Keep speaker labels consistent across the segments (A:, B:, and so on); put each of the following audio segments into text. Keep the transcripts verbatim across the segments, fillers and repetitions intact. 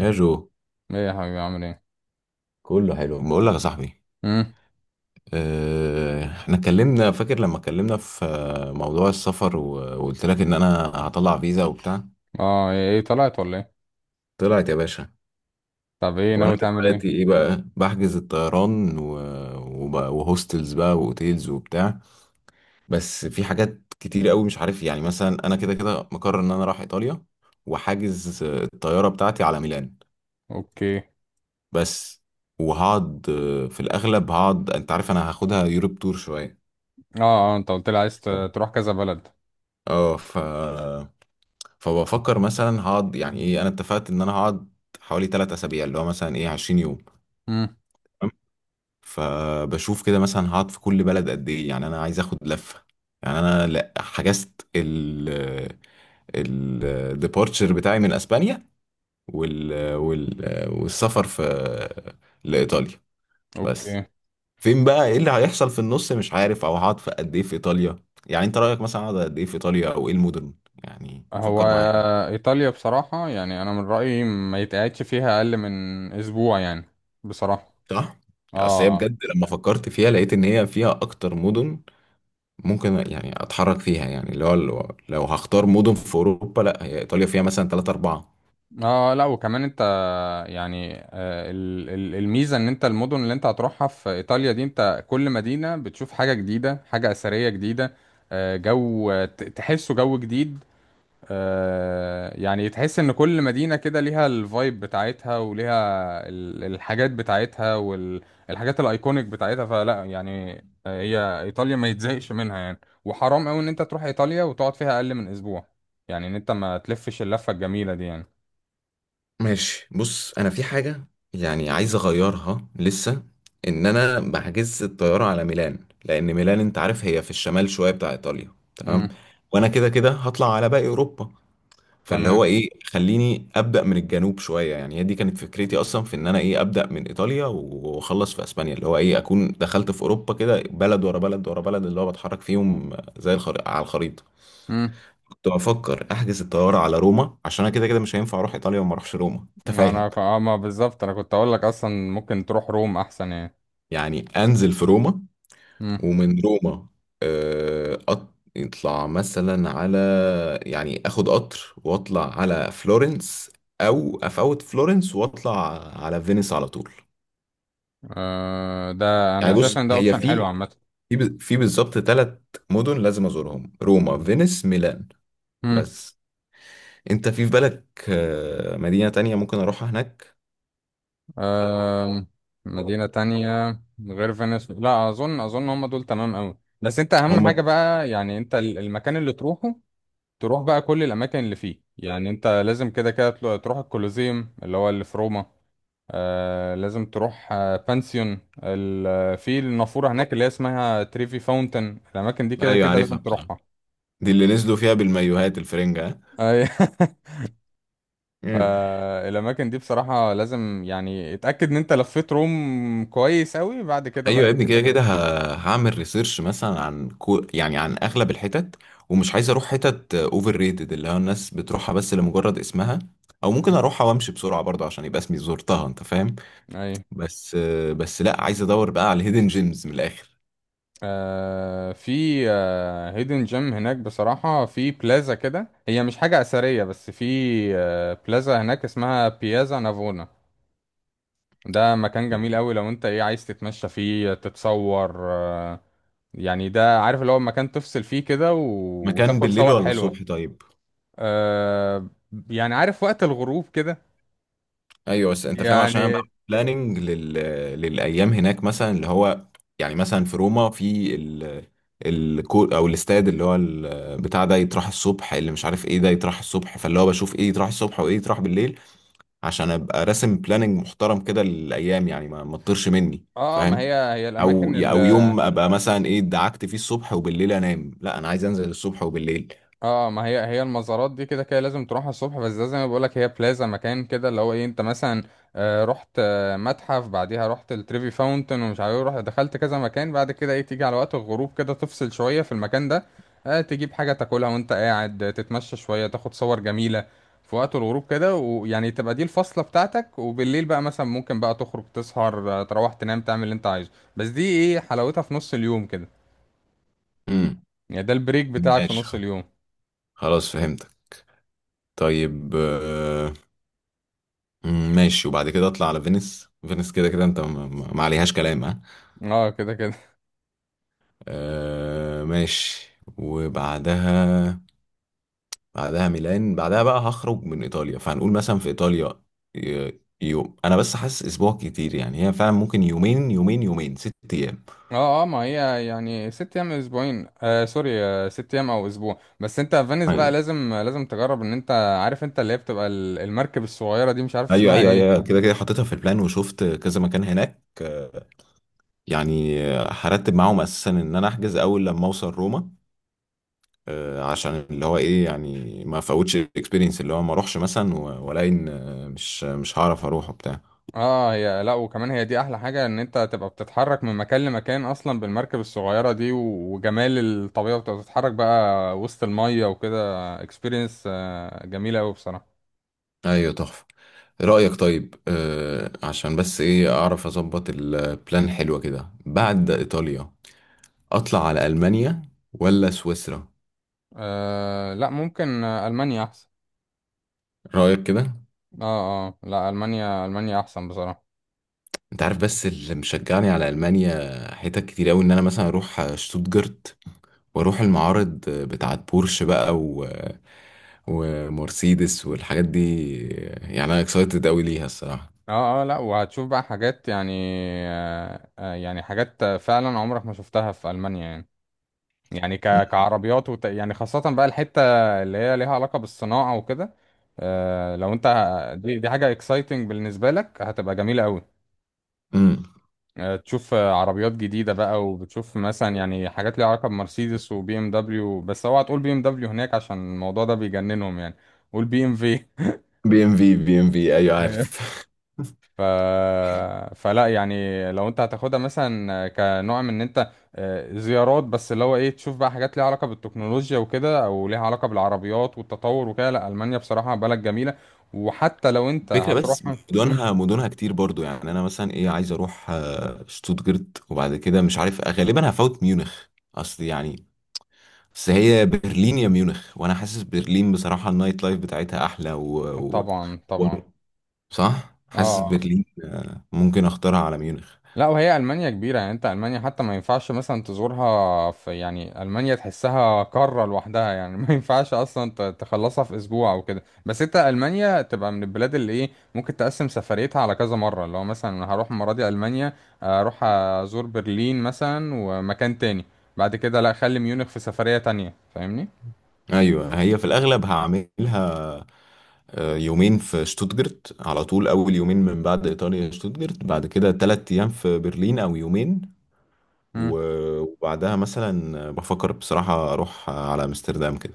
A: يا جو،
B: ايه يا حبيبي، عامل ايه؟
A: كله حلو بقول لك يا صاحبي.
B: امم.
A: آه، احنا اتكلمنا فاكر لما اتكلمنا في آه، موضوع السفر و- وقلت لك ان انا هطلع فيزا وبتاع.
B: اه، ايه إيه طلعت ولا ايه؟
A: طلعت يا باشا.
B: طب، ايه
A: وانا
B: ناوي تعمل ايه؟
A: دلوقتي ايه بقى بحجز الطيران و... وبقى وهوستلز بقى واوتيلز وبتاع. بس في حاجات كتير قوي مش عارف، يعني مثلا انا كده كده مقرر ان انا رايح ايطاليا، وحاجز آه، الطياره بتاعتي على ميلان
B: اوكي.
A: بس. وهقعد آه، في الاغلب هقعد، انت عارف انا هاخدها يوروب تور شويه.
B: اه، اه، انت قلت لي عايز ت- تروح كذا بلد.
A: اه ف فبفكر مثلا هقعد، يعني ايه، انا اتفقت ان انا هقعد حوالي تلات اسابيع، اللي هو مثلا ايه عشرين يوم،
B: امم.
A: تمام. فبشوف كده مثلا هقعد في كل بلد قد ايه، يعني انا عايز اخد لفة. يعني انا لا حجزت ال الديبارتشر بتاعي من اسبانيا، وال... وال... والسفر في لايطاليا بس.
B: اوكي.
A: فين بقى ايه اللي هيحصل في النص مش عارف، او هقعد في قد ايه في ايطاليا؟ يعني انت رايك مثلا اقعد قد ايه في ايطاليا، او ايه المدن؟ يعني
B: هو
A: فكر معايا.
B: ايطاليا بصراحة، يعني انا من رأيي ما يتقعدش فيها اقل من اسبوع يعني. بصراحة.
A: صح، اصل هي
B: اه، اه.
A: بجد لما فكرت فيها لقيت ان هي فيها اكتر مدن ممكن يعني اتحرك فيها، يعني اللي هو لو لو هختار مدن في اوروبا، لا، هي ايطاليا فيها مثلا ثلاثة اربعة.
B: اه، لا وكمان انت، يعني آه ال- ال- الميزة ان انت المدن اللي انت هتروحها في ايطاليا دي، انت كل مدينة بتشوف حاجة جديدة، حاجة اثرية جديدة. آه جو ت- تحسه جو جديد. آه، يعني تحس ان كل مدينة كده ليها الفايب بتاعتها وليها ال- الحاجات بتاعتها والحاجات الايكونيك بتاعتها، فلا يعني. آه، هي ايطاليا ما يتزهقش منها يعني، وحرام قوي ان انت تروح ايطاليا وتقعد فيها اقل من اسبوع. يعني ان انت ما تلفش اللفة الجميلة دي يعني.
A: ماشي بص، انا في حاجة يعني عايز اغيرها لسه، ان انا بحجز الطيارة على ميلان. لان ميلان انت عارف هي في الشمال شوية بتاع ايطاليا، تمام.
B: امم.
A: وانا كده كده هطلع على باقي اوروبا، فاللي
B: تمام.
A: هو ايه، خليني ابدا من الجنوب شويه. يعني هي دي كانت فكرتي اصلا، في ان انا ايه ابدا من ايطاليا واخلص في اسبانيا، اللي هو ايه اكون دخلت في اوروبا كده بلد ورا بلد ورا بلد، اللي هو بتحرك فيهم زي الخريطه، على الخريطه.
B: امم.
A: كنت بفكر احجز الطياره على روما، عشان انا كده كده مش هينفع اروح ايطاليا وما اروحش روما، انت
B: انا
A: فاهم.
B: ك- اه ما بالظبط، انا كنت اقول لك اصلا ممكن تروح روم احسن يعني.
A: يعني انزل في روما
B: امم.
A: ومن روما آه، قط- يطلع مثلا على، يعني اخد قطر واطلع على فلورنس، او افوت فلورنس واطلع على فينيس على طول.
B: آه ده
A: يعني
B: انا
A: ايوه
B: شايف
A: بص،
B: ان ده
A: هي
B: اوبشن حلو
A: في
B: عامة.
A: في ب- في بالظبط ثلاث مدن لازم ازورهم: روما، فينيس، ميلان. بس انت في بالك آه، مدينة تانية ممكن اروحها هناك؟
B: آم، مدينة تانية. غير فينيس لا أظن أظن هم دول تمام أوي، بس أنت أهم حاجة
A: هم،
B: بقى يعني أنت ال- المكان اللي تروحه، تروح بقى كل الأماكن اللي فيه. يعني أنت لازم كده كده تلو- تروح الكولوزيوم اللي هو اللي في روما. آه لازم تروح آه بانسيون ال- في النافورة هناك اللي هي اسمها تريفي فاونتن. الأماكن دي كده
A: ايوه
B: كده لازم
A: عارفها بصراحة،
B: تروحها.
A: دي اللي نزلوا فيها بالمايوهات الفرنجة.
B: أي-
A: ها؟
B: آه، الأماكن دي بصراحة لازم يعني اتأكد إن أنت لفيت روم كويس أوي، بعد كده
A: ايوه
B: بقى
A: يا ابني، كده كده
B: إيه.
A: ه- هعمل ريسيرش مثلا عن كو، يعني عن اغلب الحتت، ومش عايز اروح حتت اوفر ريتد، اللي هو الناس بتروحها بس لمجرد اسمها، او ممكن
B: م-
A: اروحها وامشي بسرعه برضه عشان يبقى اسمي زرتها، انت فاهم.
B: أيوه.
A: بس. بس لا عايز ادور بقى على الهيدن جيمز من الاخر.
B: آه في آه هيدن جيم هناك بصراحة، في بلازا كده، هي مش حاجة أثرية بس في آه بلازا هناك اسمها بيازا نافونا. ده مكان جميل أوي، لو أنت إيه عايز تتمشى فيه تتصور، آه يعني ده عارف اللي هو مكان تفصل فيه كده،
A: مكان
B: وتاخد
A: بالليل
B: صور
A: ولا
B: حلوة.
A: الصبح طيب؟
B: آه، يعني عارف، وقت الغروب كده.
A: ايوه بس انت فاهم، عشان انا بعمل
B: يعني.
A: بلاننج لل... للايام هناك، مثلا اللي هو يعني مثلا في روما في ال... الكو، او الاستاد، اللي هو ال... بتاع ده يتراح الصبح، اللي مش عارف ايه ده يتراح الصبح، فاللي هو بشوف ايه يتراح الصبح وايه يتراح بالليل، عشان ابقى راسم بلاننج محترم كده للايام، يعني ما ما تطيرش مني
B: اه، ما
A: فاهم.
B: هي هي
A: او
B: الأماكن.
A: او يوم ابقى مثلا ايه دعكت فيه الصبح وبالليل انام، لا انا عايز انزل الصبح وبالليل.
B: اه، ما هي هي المزارات دي كده كده لازم تروحها الصبح، بس ده زي ما بقولك هي بلازا مكان كده اللي هو ايه، انت مثلا آه، رحت آه، متحف، بعديها رحت التريفي فاونتن ومش عارف ايه، رحت دخلت كذا مكان بعد كده، ايه تيجي على وقت الغروب كده تفصل شوية في المكان ده. آه، تجيب حاجة تاكلها وانت قاعد، آه، تتمشى شوية، تاخد صور جميلة في وقت الغروب كده، ويعني تبقى دي الفصلة بتاعتك، وبالليل بقى مثلا ممكن بقى تخرج تسهر، آه، تروح تنام تعمل اللي انت عايزه، بس دي ايه حلاوتها في نص اليوم كده.
A: امم
B: يعني ده البريك بتاعك في
A: ماشي،
B: نص اليوم.
A: خلاص فهمتك. طيب، آه، مم، ماشي، وبعد كده اطلع على فينيس. فينيس كده كده انت ما ما- ما عليهاش كلام، ها.
B: اه، كده كده.
A: آه ماشي، وبعدها بعدها ميلان، بعدها بقى هخرج من ايطاليا. فهنقول مثلا في ايطاليا ي- يوم، انا بس حاسس اسبوع كتير، يعني هي فعلا ممكن يومين يومين يومين، ست ايام.
B: اه، اه، ما هي يعني ست ايام، اسبوعين آه سوري آه ست ايام او اسبوع، بس انت فينيس
A: ايوه
B: بقى لازم لازم تجرب ان انت عارف انت اللي هي بتبقى ال- المركب الصغيره دي، مش عارف
A: ايوه
B: اسمها
A: ايوه
B: ايه.
A: أيوة، كده كده حطيتها في البلان وشفت كذا مكان هناك. يعني هرتب معاهم اساسا ان انا احجز اول لما اوصل روما، آه، عشان اللي هو ايه، يعني ما فوتش الاكسبيرينس، اللي هو ما اروحش مثلا و- والاقي ان آه، مش مش هعرف اروح وبتاع.
B: اه، هي لا وكمان هي دي احلى حاجه ان انت تبقى بتتحرك من مكان لمكان اصلا بالمركب الصغيره دي، و- وجمال الطبيعه بتبقى بتتحرك بقى وسط الميه وكده. اكسبيرينس آه جميله قوي بصراحه.
A: ايوه تحفه. إيه رايك طيب آه عشان بس ايه اعرف اظبط البلان، حلوه كده بعد ايطاليا اطلع على المانيا ولا سويسرا؟
B: آه لا ممكن، آه، المانيا احسن.
A: رايك كده.
B: اه، اه، لا المانيا المانيا احسن بصراحه.
A: انت عارف، بس اللي مشجعني على المانيا حتت كتير قوي، ان انا مثلا اروح شتوتجارت، واروح المعارض بتاعت بورش بقى و... ومرسيدس والحاجات دي. يعني انا اكسايتد قوي ليها الصراحه.
B: اه، اه، لا وهتشوف بقى حاجات يعني، آه آه، يعني حاجات فعلا عمرك ما شفتها في ألمانيا يعني. يعني ك- كعربيات وت... يعني خاصة بقى الحتة اللي هي ليها علاقة بالصناعة وكده. آه لو انت، دي دي حاجة اكسايتنج بالنسبة لك، هتبقى جميلة قوي.
A: امم،
B: آه تشوف آه، عربيات جديدة بقى، وبتشوف مثلا يعني حاجات ليها علاقة بمرسيدس وبي ام دبليو، بس اوعى تقول بي ام دبليو هناك عشان الموضوع ده بيجننهم يعني. قول بي ام في.
A: بي ام في، بي ام في، ايوه عارف.
B: ف... فلا يعني، لو انت هتاخدها مثلا كنوع من ان انت آه، زيارات، بس اللي هو ايه تشوف بقى حاجات ليها علاقة بالتكنولوجيا وكده، او ليها علاقة بالعربيات والتطور وكده، لا ألمانيا بصراحة بلد جميلة. وحتى لو انت
A: الفكره بس
B: هتروح. مم.
A: مدنها مدنها كتير برضو، يعني انا مثلا ايه عايز اروح آه، شتوتجرت، وبعد كده مش عارف غالبا هفوت ميونخ. اصل يعني، بس هي برلين يا ميونخ، وانا حاسس برلين بصراحه النايت لايف بتاعتها احلى و... و...
B: طبعا،
A: و...
B: طبعا.
A: صح، حاسس
B: اه،
A: برلين آه، ممكن اختارها على ميونخ.
B: لا وهي المانيا كبيره، يعني انت المانيا حتى ما ينفعش مثلا تزورها في، يعني المانيا تحسها قاره لوحدها يعني. ما ينفعش اصلا ت- تخلصها في اسبوع او كده، بس انت المانيا تبقى من البلاد اللي ايه ممكن تقسم سفريتها على كذا مره، اللي هو مثلا انا هروح المره دي المانيا، اروح ازور برلين مثلا ومكان تاني، بعد كده لا خلي ميونخ في سفريه تانية، فاهمني؟
A: ايوه هي في الاغلب هعملها آه، يومين في شتوتجرت على طول، اول يومين من بعد ايطاليا شتوتجرت، بعد كده تلات ايام في برلين او يومين،
B: امم.
A: و- وبعدها مثلا بفكر بصراحة اروح على امستردام كده.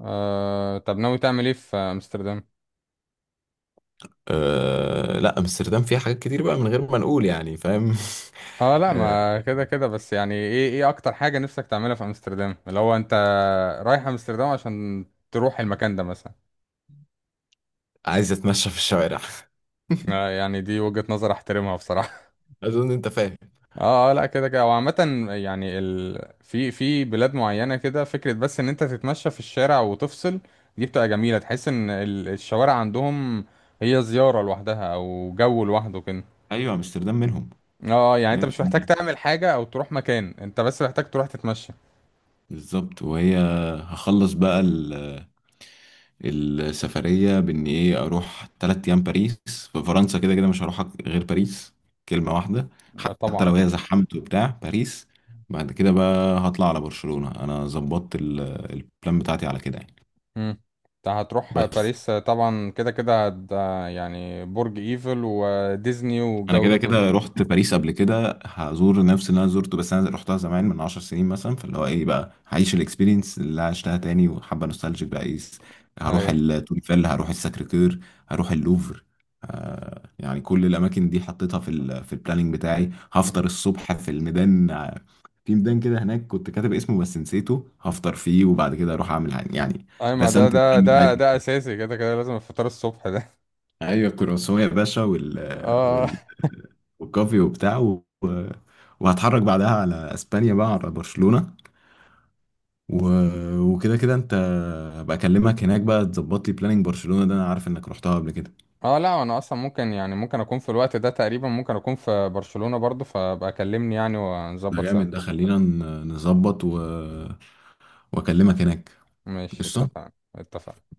B: آه طب، ناوي تعمل ايه في امستردام؟
A: أه لا امستردام فيها حاجات كتير بقى من غير ما نقول، يعني فاهم.
B: اه، لا
A: أه،
B: ما كده كده، بس يعني ايه ايه اكتر حاجه نفسك تعملها في امستردام اللي هو انت رايح امستردام عشان تروح المكان ده مثلا؟
A: عايز اتمشى في الشوارع.
B: آه، يعني دي وجهة نظر احترمها بصراحة.
A: اظن انت فاهم.
B: اه، آه، لا كده كده، وعامة يعني ال... في في بلاد معينة كده فكرة بس ان انت تتمشى في الشارع وتفصل، دي بتبقى جميلة، تحس ان ال- الشوارع عندهم هي زيارة لوحدها او جو لوحده كده.
A: ايوه امستردام منهم.
B: اه، آه، يعني انت مش محتاج
A: مية في المية
B: تعمل حاجة او تروح مكان، انت بس محتاج تروح تتمشى.
A: بالظبط. وهي، هخلص بقى السفرية بإن إيه أروح تلات أيام باريس، في فرنسا كده كده مش هروح غير باريس، كلمة واحدة،
B: آه،
A: حتى
B: طبعا.
A: لو هي زحمت وبتاع باريس. بعد كده بقى هطلع على برشلونة، أنا ظبطت ال- البلان بتاعتي على كده يعني.
B: مم. انت هتروح
A: بس
B: باريس، آه، طبعا كده كده هت- آه، يعني برج ايفل وديزني
A: انا
B: والجو ده
A: كده
B: كله.
A: كده رحت باريس قبل كده، هزور نفس اللي انا زرته، بس انا رحتها زمان من عشر سنين مثلا، فاللي هو ايه بقى هعيش الاكسبيرينس اللي عشتها تاني، وحابه نوستالجيك بقى ايه. هروح
B: اي،
A: التور ايفل، هروح الساكريكير، هروح اللوفر. آه يعني كل الاماكن دي حطيتها في ال في البلاننج بتاعي. هفطر الصبح في الميدان، آه، في ميدان كده هناك كنت كاتب اسمه بس نسيته، هفطر فيه، وبعد كده اروح اعمل عن- يعني
B: اي، ما ده
A: رسمت
B: ده
A: البلان
B: ده
A: بتاعي.
B: ده اساسي، كده كده لازم الفطار الصبح ده.
A: ايوه الكرواسون يا باشا
B: اه،
A: وال وكافي وبتاع و... و- وهتحرك بعدها على اسبانيا بقى، على برشلونة و... وكده كده انت، هبقى اكلمك هناك بقى تظبط لي بلاننج برشلونة، ده انا عارف انك رحتها قبل كده.
B: اه، لا انا اصلا ممكن، يعني ممكن اكون في الوقت ده تقريبا، ممكن اكون في برشلونة برضو، فبقى كلمني يعني
A: ده
B: ونظبط سوا.
A: جامد، ده خلينا ن- نظبط و... واكلمك هناك.
B: ماشي،
A: قشطة.
B: اتفقنا، اتفقنا.